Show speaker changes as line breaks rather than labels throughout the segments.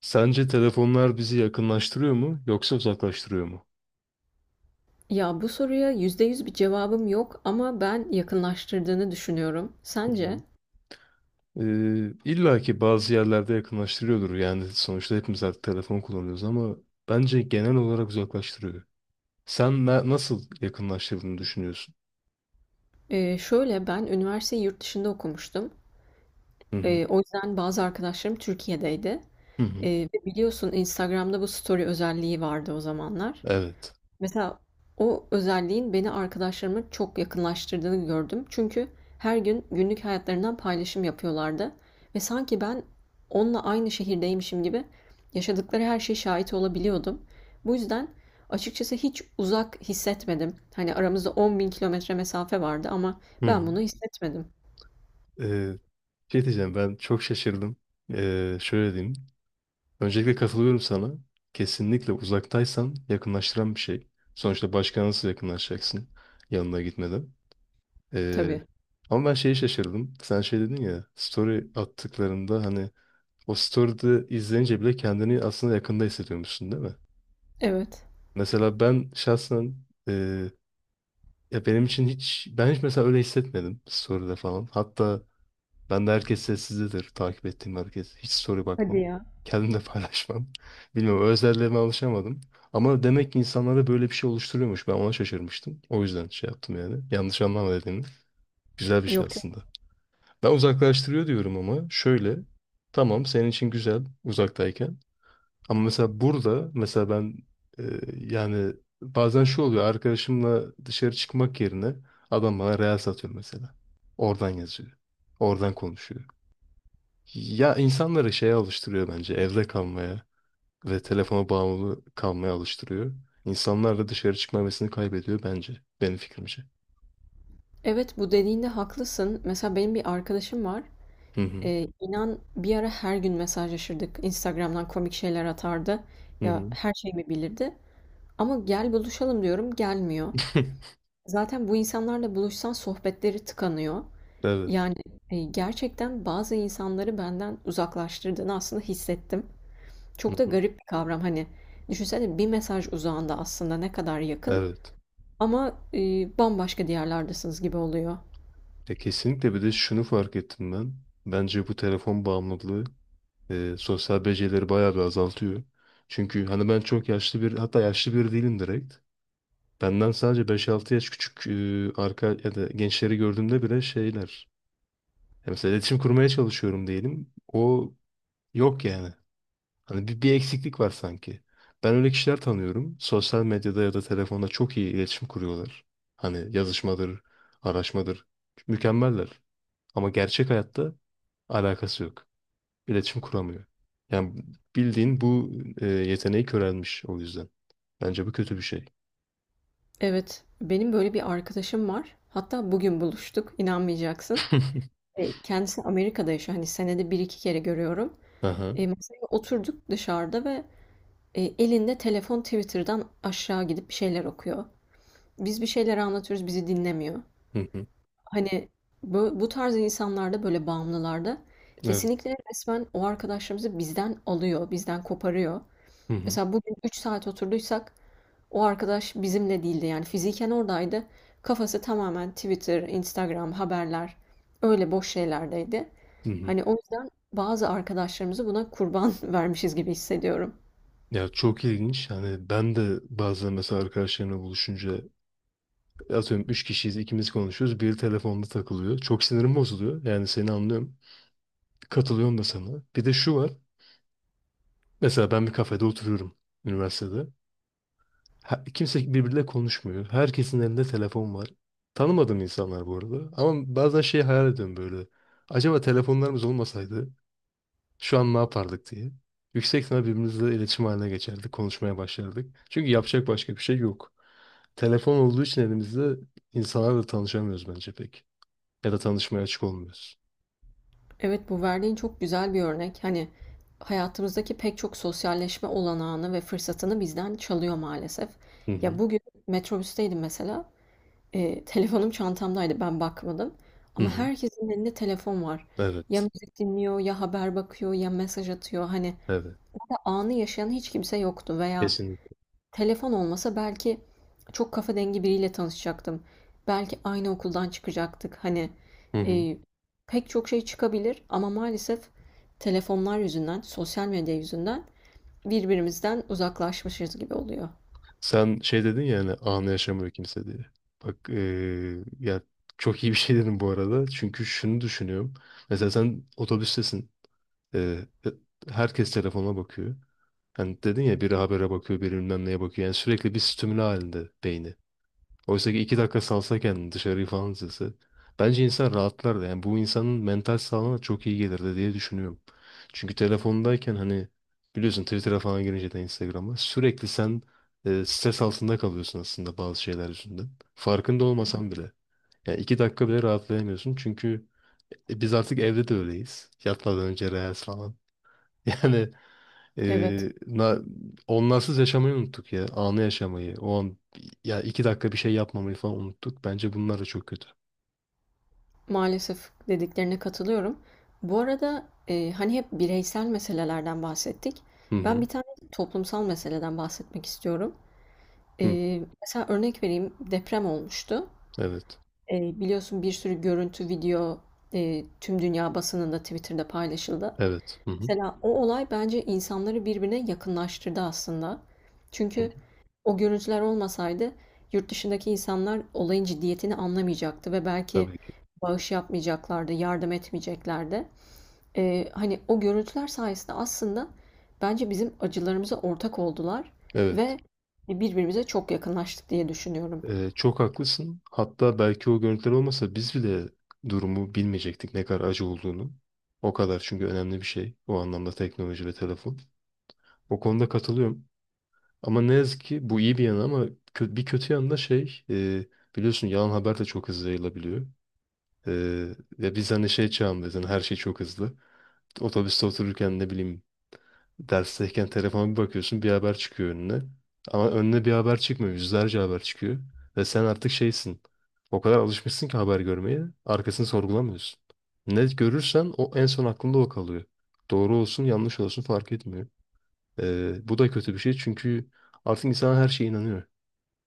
Sence telefonlar bizi yakınlaştırıyor mu yoksa uzaklaştırıyor mu?
Ya bu soruya %100 bir cevabım yok ama ben yakınlaştırdığını düşünüyorum.
Hı hı.
Sence?
İlla ki bazı yerlerde yakınlaştırıyordur. Yani sonuçta hepimiz artık telefon kullanıyoruz, ama bence genel olarak uzaklaştırıyor. Sen nasıl yakınlaştırdığını düşünüyorsun?
Şöyle ben üniversiteyi yurt dışında okumuştum.
Hı hı.
O yüzden bazı arkadaşlarım Türkiye'deydi.
Hı hı.
Ee, Ve biliyorsun Instagram'da bu story özelliği vardı o zamanlar.
Evet.
Mesela o özelliğin beni arkadaşlarıma çok yakınlaştırdığını gördüm. Çünkü her gün günlük hayatlarından paylaşım yapıyorlardı ve sanki ben onunla aynı şehirdeymişim gibi yaşadıkları her şeye şahit olabiliyordum. Bu yüzden açıkçası hiç uzak hissetmedim. Hani aramızda 10.000 kilometre mesafe vardı ama
Hı
ben
hı.
bunu hissetmedim.
Ee, Şey diyeceğim, ben çok şaşırdım. Şöyle diyeyim. Öncelikle katılıyorum sana. Kesinlikle uzaktaysan yakınlaştıran bir şey. Sonuçta başka nasıl yakınlaşacaksın yanına gitmeden? Ee,
Tabii.
Ama ben şeyi şaşırdım. Sen şey dedin ya, story attıklarında, hani o story'de izleyince bile kendini aslında yakında hissediyormuşsun değil mi?
Evet.
Mesela ben şahsen e, ya benim için hiç, ben hiç mesela öyle hissetmedim story'de falan. Hatta ben de herkes sessizdedir, takip ettiğim herkes. Hiç story
Hadi
bakmam.
ya.
Kendim de paylaşmam. Bilmiyorum, özelliğime alışamadım. Ama demek ki insanlarda böyle bir şey oluşturuyormuş. Ben ona şaşırmıştım. O yüzden şey yaptım yani. Yanlış anlama dediğini. Güzel bir şey
Yok.
aslında. Ben uzaklaştırıyor diyorum ama şöyle. Tamam, senin için güzel uzaktayken. Ama mesela burada mesela ben e, yani bazen şu oluyor, arkadaşımla dışarı çıkmak yerine adam bana real satıyor mesela. Oradan yazıyor. Oradan konuşuyor. Ya insanları şeye alıştırıyor bence, evde kalmaya ve telefona bağımlı kalmaya alıştırıyor. İnsanlar da dışarı çıkma hevesini kaybediyor bence. Benim fikrimce.
Evet, bu dediğinde haklısın. Mesela benim bir arkadaşım var.
Hı hı.
İnan bir ara her gün mesajlaşırdık. Instagram'dan komik şeyler atardı.
Hı
Ya,
hı.
her şeyimi bilirdi ama "Gel, buluşalım." diyorum, gelmiyor. Zaten bu insanlarla buluşsan sohbetleri tıkanıyor.
Evet.
Yani, gerçekten bazı insanları benden uzaklaştırdığını aslında hissettim.
Hı
Çok da
hı.
garip bir kavram. Hani, düşünsene, bir mesaj uzağında aslında ne kadar yakın
Evet.
ama, bambaşka diyarlardasınız gibi oluyor.
Ya kesinlikle, bir de şunu fark ettim ben. Bence bu telefon bağımlılığı sosyal becerileri bayağı bir azaltıyor. Çünkü hani ben çok yaşlı, bir hatta yaşlı biri değilim direkt. Benden sadece beş altı yaş küçük e, arka ya da gençleri gördüğümde bile şeyler. Ya mesela iletişim kurmaya çalışıyorum diyelim. O yok yani. Hani bir eksiklik var sanki. Ben öyle kişiler tanıyorum. Sosyal medyada ya da telefonda çok iyi iletişim kuruyorlar. Hani yazışmadır, araşmadır. Mükemmeller. Ama gerçek hayatta alakası yok. İletişim kuramıyor. Yani bildiğin bu yeteneği körelmiş o yüzden. Bence bu kötü bir şey.
Evet, benim böyle bir arkadaşım var. Hatta bugün buluştuk, inanmayacaksın. Kendisi Amerika'da yaşıyor. Hani senede bir iki kere görüyorum.
Aha.
Masaya oturduk dışarıda ve elinde telefon Twitter'dan aşağı gidip bir şeyler okuyor. Biz bir şeyler anlatıyoruz, bizi dinlemiyor.
Hı hı.
Hani bu tarz insanlarda, böyle bağımlılarda
Evet.
kesinlikle resmen o arkadaşlarımızı bizden alıyor, bizden koparıyor.
Hı hı.
Mesela bugün 3 saat oturduysak o arkadaş bizimle değildi, yani fiziken oradaydı. Kafası tamamen Twitter, Instagram, haberler, öyle boş şeylerdeydi.
Hı hı.
Hani o yüzden bazı arkadaşlarımızı buna kurban vermişiz gibi hissediyorum.
Ya çok ilginç. Hani ben de bazen mesela arkadaşlarımla buluşunca, atıyorum 3 kişiyiz, ikimiz konuşuyoruz. Biri telefonda takılıyor. Çok sinirim bozuluyor. Yani seni anlıyorum. Katılıyorum da sana. Bir de şu var. Mesela ben bir kafede oturuyorum, üniversitede. Kimse birbiriyle konuşmuyor. Herkesin elinde telefon var. Tanımadığım insanlar bu arada. Ama bazen şey hayal ediyorum böyle. Acaba telefonlarımız olmasaydı şu an ne yapardık diye. Yüksek ihtimal birbirimizle iletişim haline geçerdik, konuşmaya başlardık. Çünkü yapacak başka bir şey yok. Telefon olduğu için elimizde, insanlarla tanışamıyoruz bence pek. Ya da tanışmaya açık olmuyoruz.
Evet, bu verdiğin çok güzel bir örnek. Hani hayatımızdaki pek çok sosyalleşme olanağını ve fırsatını bizden çalıyor maalesef.
Hı
Ya
hı.
bugün metrobüsteydim mesela. Telefonum çantamdaydı, ben bakmadım
Hı
ama
hı.
herkesin elinde telefon var. Ya
Evet.
müzik dinliyor, ya haber bakıyor, ya mesaj atıyor. Hani
Evet.
ve anı yaşayan hiç kimse yoktu. Veya
Kesinlikle.
telefon olmasa belki çok kafa dengi biriyle tanışacaktım. Belki aynı okuldan çıkacaktık. Hani,
Hı hı.
eee, pek çok şey çıkabilir ama maalesef telefonlar yüzünden, sosyal medya yüzünden birbirimizden uzaklaşmışız gibi oluyor.
Sen şey dedin ya, hani anı yaşamıyor kimse diye. Bak ya çok iyi bir şey dedin bu arada. Çünkü şunu düşünüyorum. Mesela sen otobüstesin. Eee, e, Herkes telefonuna bakıyor. Hani dedin ya, biri habere bakıyor, biri bilmem neye bakıyor. Yani sürekli bir stimüle halinde beyni. Oysa ki iki dakika salsa kendini, dışarıyı falan izlese. Bence insan rahatlar da, yani bu insanın mental sağlığına çok iyi gelirdi diye düşünüyorum. Çünkü telefondayken hani, biliyorsun, Twitter'a falan girince de, Instagram'a, sürekli sen stres altında kalıyorsun aslında bazı şeyler yüzünden. Farkında olmasan bile. Yani iki dakika bile rahatlayamıyorsun, çünkü biz artık evde de öyleyiz. Yatmadan önce reels falan. Yani
Evet.
ee, na, onsuz yaşamayı unuttuk ya. Anı yaşamayı. O an, ya iki dakika bir şey yapmamayı falan unuttuk. Bence bunlar da çok kötü.
Maalesef dediklerine katılıyorum. Bu arada, hani hep bireysel meselelerden bahsettik.
Hı
Ben
hı.
bir tane toplumsal meseleden bahsetmek istiyorum.
Hı.
Mesela örnek vereyim, deprem olmuştu.
Evet.
Biliyorsun, bir sürü görüntü, video, tüm dünya basınında, Twitter'da paylaşıldı.
Evet. Hı hı.
Mesela o olay bence insanları birbirine yakınlaştırdı aslında.
Hı hı.
Çünkü o görüntüler olmasaydı yurt dışındaki insanlar olayın ciddiyetini anlamayacaktı ve belki
Tabii ki.
bağış yapmayacaklardı, yardım etmeyeceklerdi. Hani o görüntüler sayesinde aslında bence bizim acılarımıza ortak oldular
Evet.
ve birbirimize çok yakınlaştık diye düşünüyorum.
Çok haklısın. Hatta belki o görüntüler olmasa biz bile durumu bilmeyecektik, ne kadar acı olduğunu. O kadar çünkü önemli bir şey. O anlamda teknoloji ve telefon. O konuda katılıyorum. Ama ne yazık ki bu iyi bir yanı, ama bir kötü yanı da şey, biliyorsun, yalan haber de çok hızlı yayılabiliyor. Ee, Ve biz hani şey çağındayız, hani her şey çok hızlı. Otobüste otururken, ne bileyim, dersteyken telefona bir bakıyorsun, bir haber çıkıyor önüne. Ama önüne bir haber çıkmıyor, yüzlerce haber çıkıyor. Ve sen artık şeysin, o kadar alışmışsın ki haber görmeye, arkasını sorgulamıyorsun. Ne görürsen o, en son aklında o kalıyor. Doğru olsun, yanlış olsun fark etmiyor. Bu da kötü bir şey, çünkü artık insan her şeye inanıyor.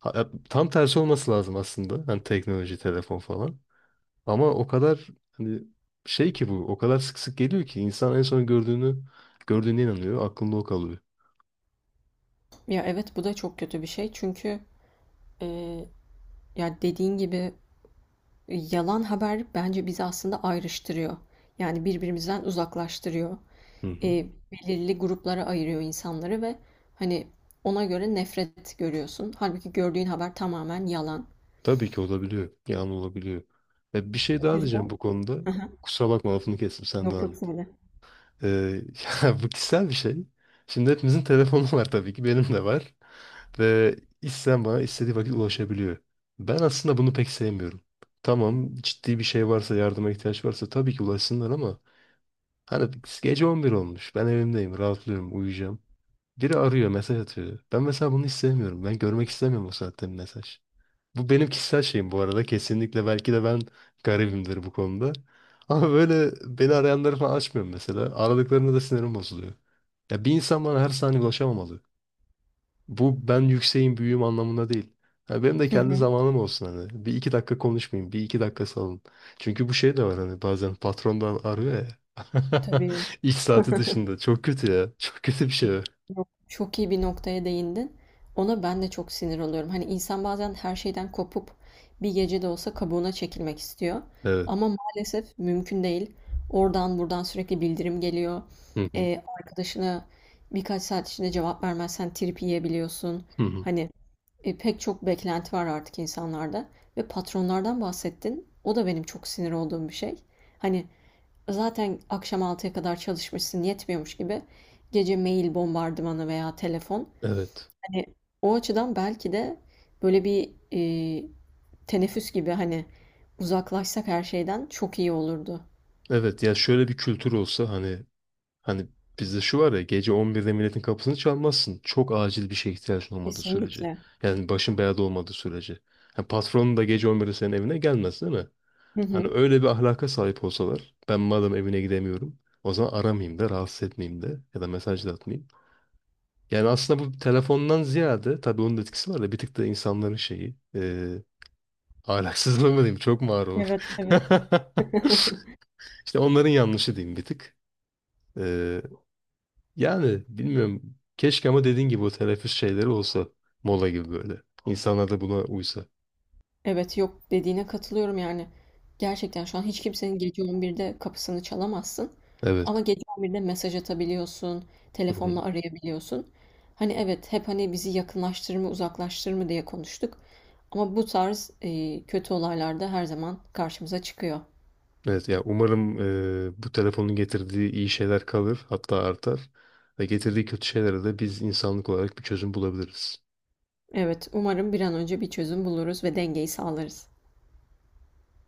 Ya tam tersi olması lazım aslında. Hani teknoloji, telefon falan. Ama o kadar, hani, şey ki bu, o kadar sık sık geliyor ki insan en son gördüğünü, gördüğüne inanıyor. Aklında o kalıyor.
Ya evet, bu da çok kötü bir şey, çünkü e, ya dediğin gibi yalan haber bence bizi aslında ayrıştırıyor. Yani birbirimizden uzaklaştırıyor.
Hı hı.
E, Belirli gruplara ayırıyor insanları ve hani ona göre nefret görüyorsun. Halbuki gördüğün haber tamamen yalan.
Tabii ki olabiliyor. Yani olabiliyor. Bir şey
O
daha
yüzden...
diyeceğim bu konuda.
Aha,
Kusura bakma, lafını kestim, sen
yok
devam
yok,
et.
söyle.
E, Ya bu kişisel bir şey. Şimdi hepimizin telefonu var, tabii ki benim de var. Ve isteyen bana istediği vakit ulaşabiliyor. Ben aslında bunu pek sevmiyorum. Tamam, ciddi bir şey varsa, yardıma ihtiyaç varsa tabii ki ulaşsınlar, ama hani gece 11 olmuş. Ben evimdeyim. Rahatlıyorum. Uyuyacağım. Biri arıyor. Mesaj atıyor. Ben mesela bunu hiç sevmiyorum. Ben görmek istemiyorum o saatte bir mesaj. Bu benim kişisel şeyim bu arada. Kesinlikle belki de ben garibimdir bu konuda. Ama böyle beni arayanları falan açmıyorum mesela. Aradıklarında da sinirim bozuluyor. Ya bir insan bana her saniye ulaşamamalı. Bu ben yükseğim, büyüğüm anlamında değil. Ha, benim de
Hı
kendi
hı.
zamanım olsun hani. Bir iki dakika konuşmayayım. Bir iki dakika salın. Çünkü bu şey de var, hani bazen patrondan arıyor ya.
Tabii.
İş saati dışında. Çok kötü ya. Çok kötü bir şey var.
Yok, çok iyi bir noktaya değindin. Ona ben de çok sinir oluyorum. Hani insan bazen her şeyden kopup bir gece de olsa kabuğuna çekilmek istiyor.
Evet.
Ama maalesef mümkün değil. Oradan buradan sürekli bildirim geliyor.
Hı hı.
Arkadaşına birkaç saat içinde cevap vermezsen trip yiyebiliyorsun.
Hı hı.
Hani pek çok beklenti var artık insanlarda. Ve patronlardan bahsettin. O da benim çok sinir olduğum bir şey. Hani zaten akşam 6'ya kadar çalışmışsın yetmiyormuş gibi gece mail bombardımanı veya telefon.
Evet.
Hani o açıdan belki de böyle bir teneffüs gibi, hani uzaklaşsak her şeyden çok iyi olurdu.
Evet ya, şöyle bir kültür olsa, hani bizde şu var ya, gece 11'de milletin kapısını çalmazsın. Çok acil bir şeye ihtiyacın olmadığı sürece.
Kesinlikle.
Yani başın belada olmadığı sürece. Ha, patronun da gece 11'de senin evine gelmez değil mi?
Hı
Hani
hı.
öyle bir ahlaka sahip olsalar, ben madem evine gidemiyorum, o zaman aramayayım da rahatsız etmeyeyim, de ya da mesaj da atmayayım. Yani aslında bu telefondan ziyade, tabii onun da etkisi var da, bir tık da insanların şeyi, ahlaksızlığı mı diyeyim, çok mu ağır olur.
Evet, evet.
İşte onların yanlışı diyeyim bir tık. Eee, Yani bilmiyorum, keşke, ama dediğin gibi o teneffüs şeyleri olsa, mola gibi böyle. İnsanlar da buna uysa.
Evet, yok, dediğine katılıyorum yani. Gerçekten şu an hiç kimsenin gece 11'de kapısını çalamazsın.
Evet.
Ama gece 11'de mesaj atabiliyorsun, telefonla arayabiliyorsun. Hani evet, hep hani bizi yakınlaştırır mı uzaklaştırır mı diye konuştuk. Ama bu tarz kötü olaylar da her zaman karşımıza çıkıyor.
Evet ya, umarım bu telefonun getirdiği iyi şeyler kalır, hatta artar, ve getirdiği kötü şeylere de biz insanlık olarak bir çözüm bulabiliriz.
Evet, umarım bir an önce bir çözüm buluruz ve dengeyi sağlarız.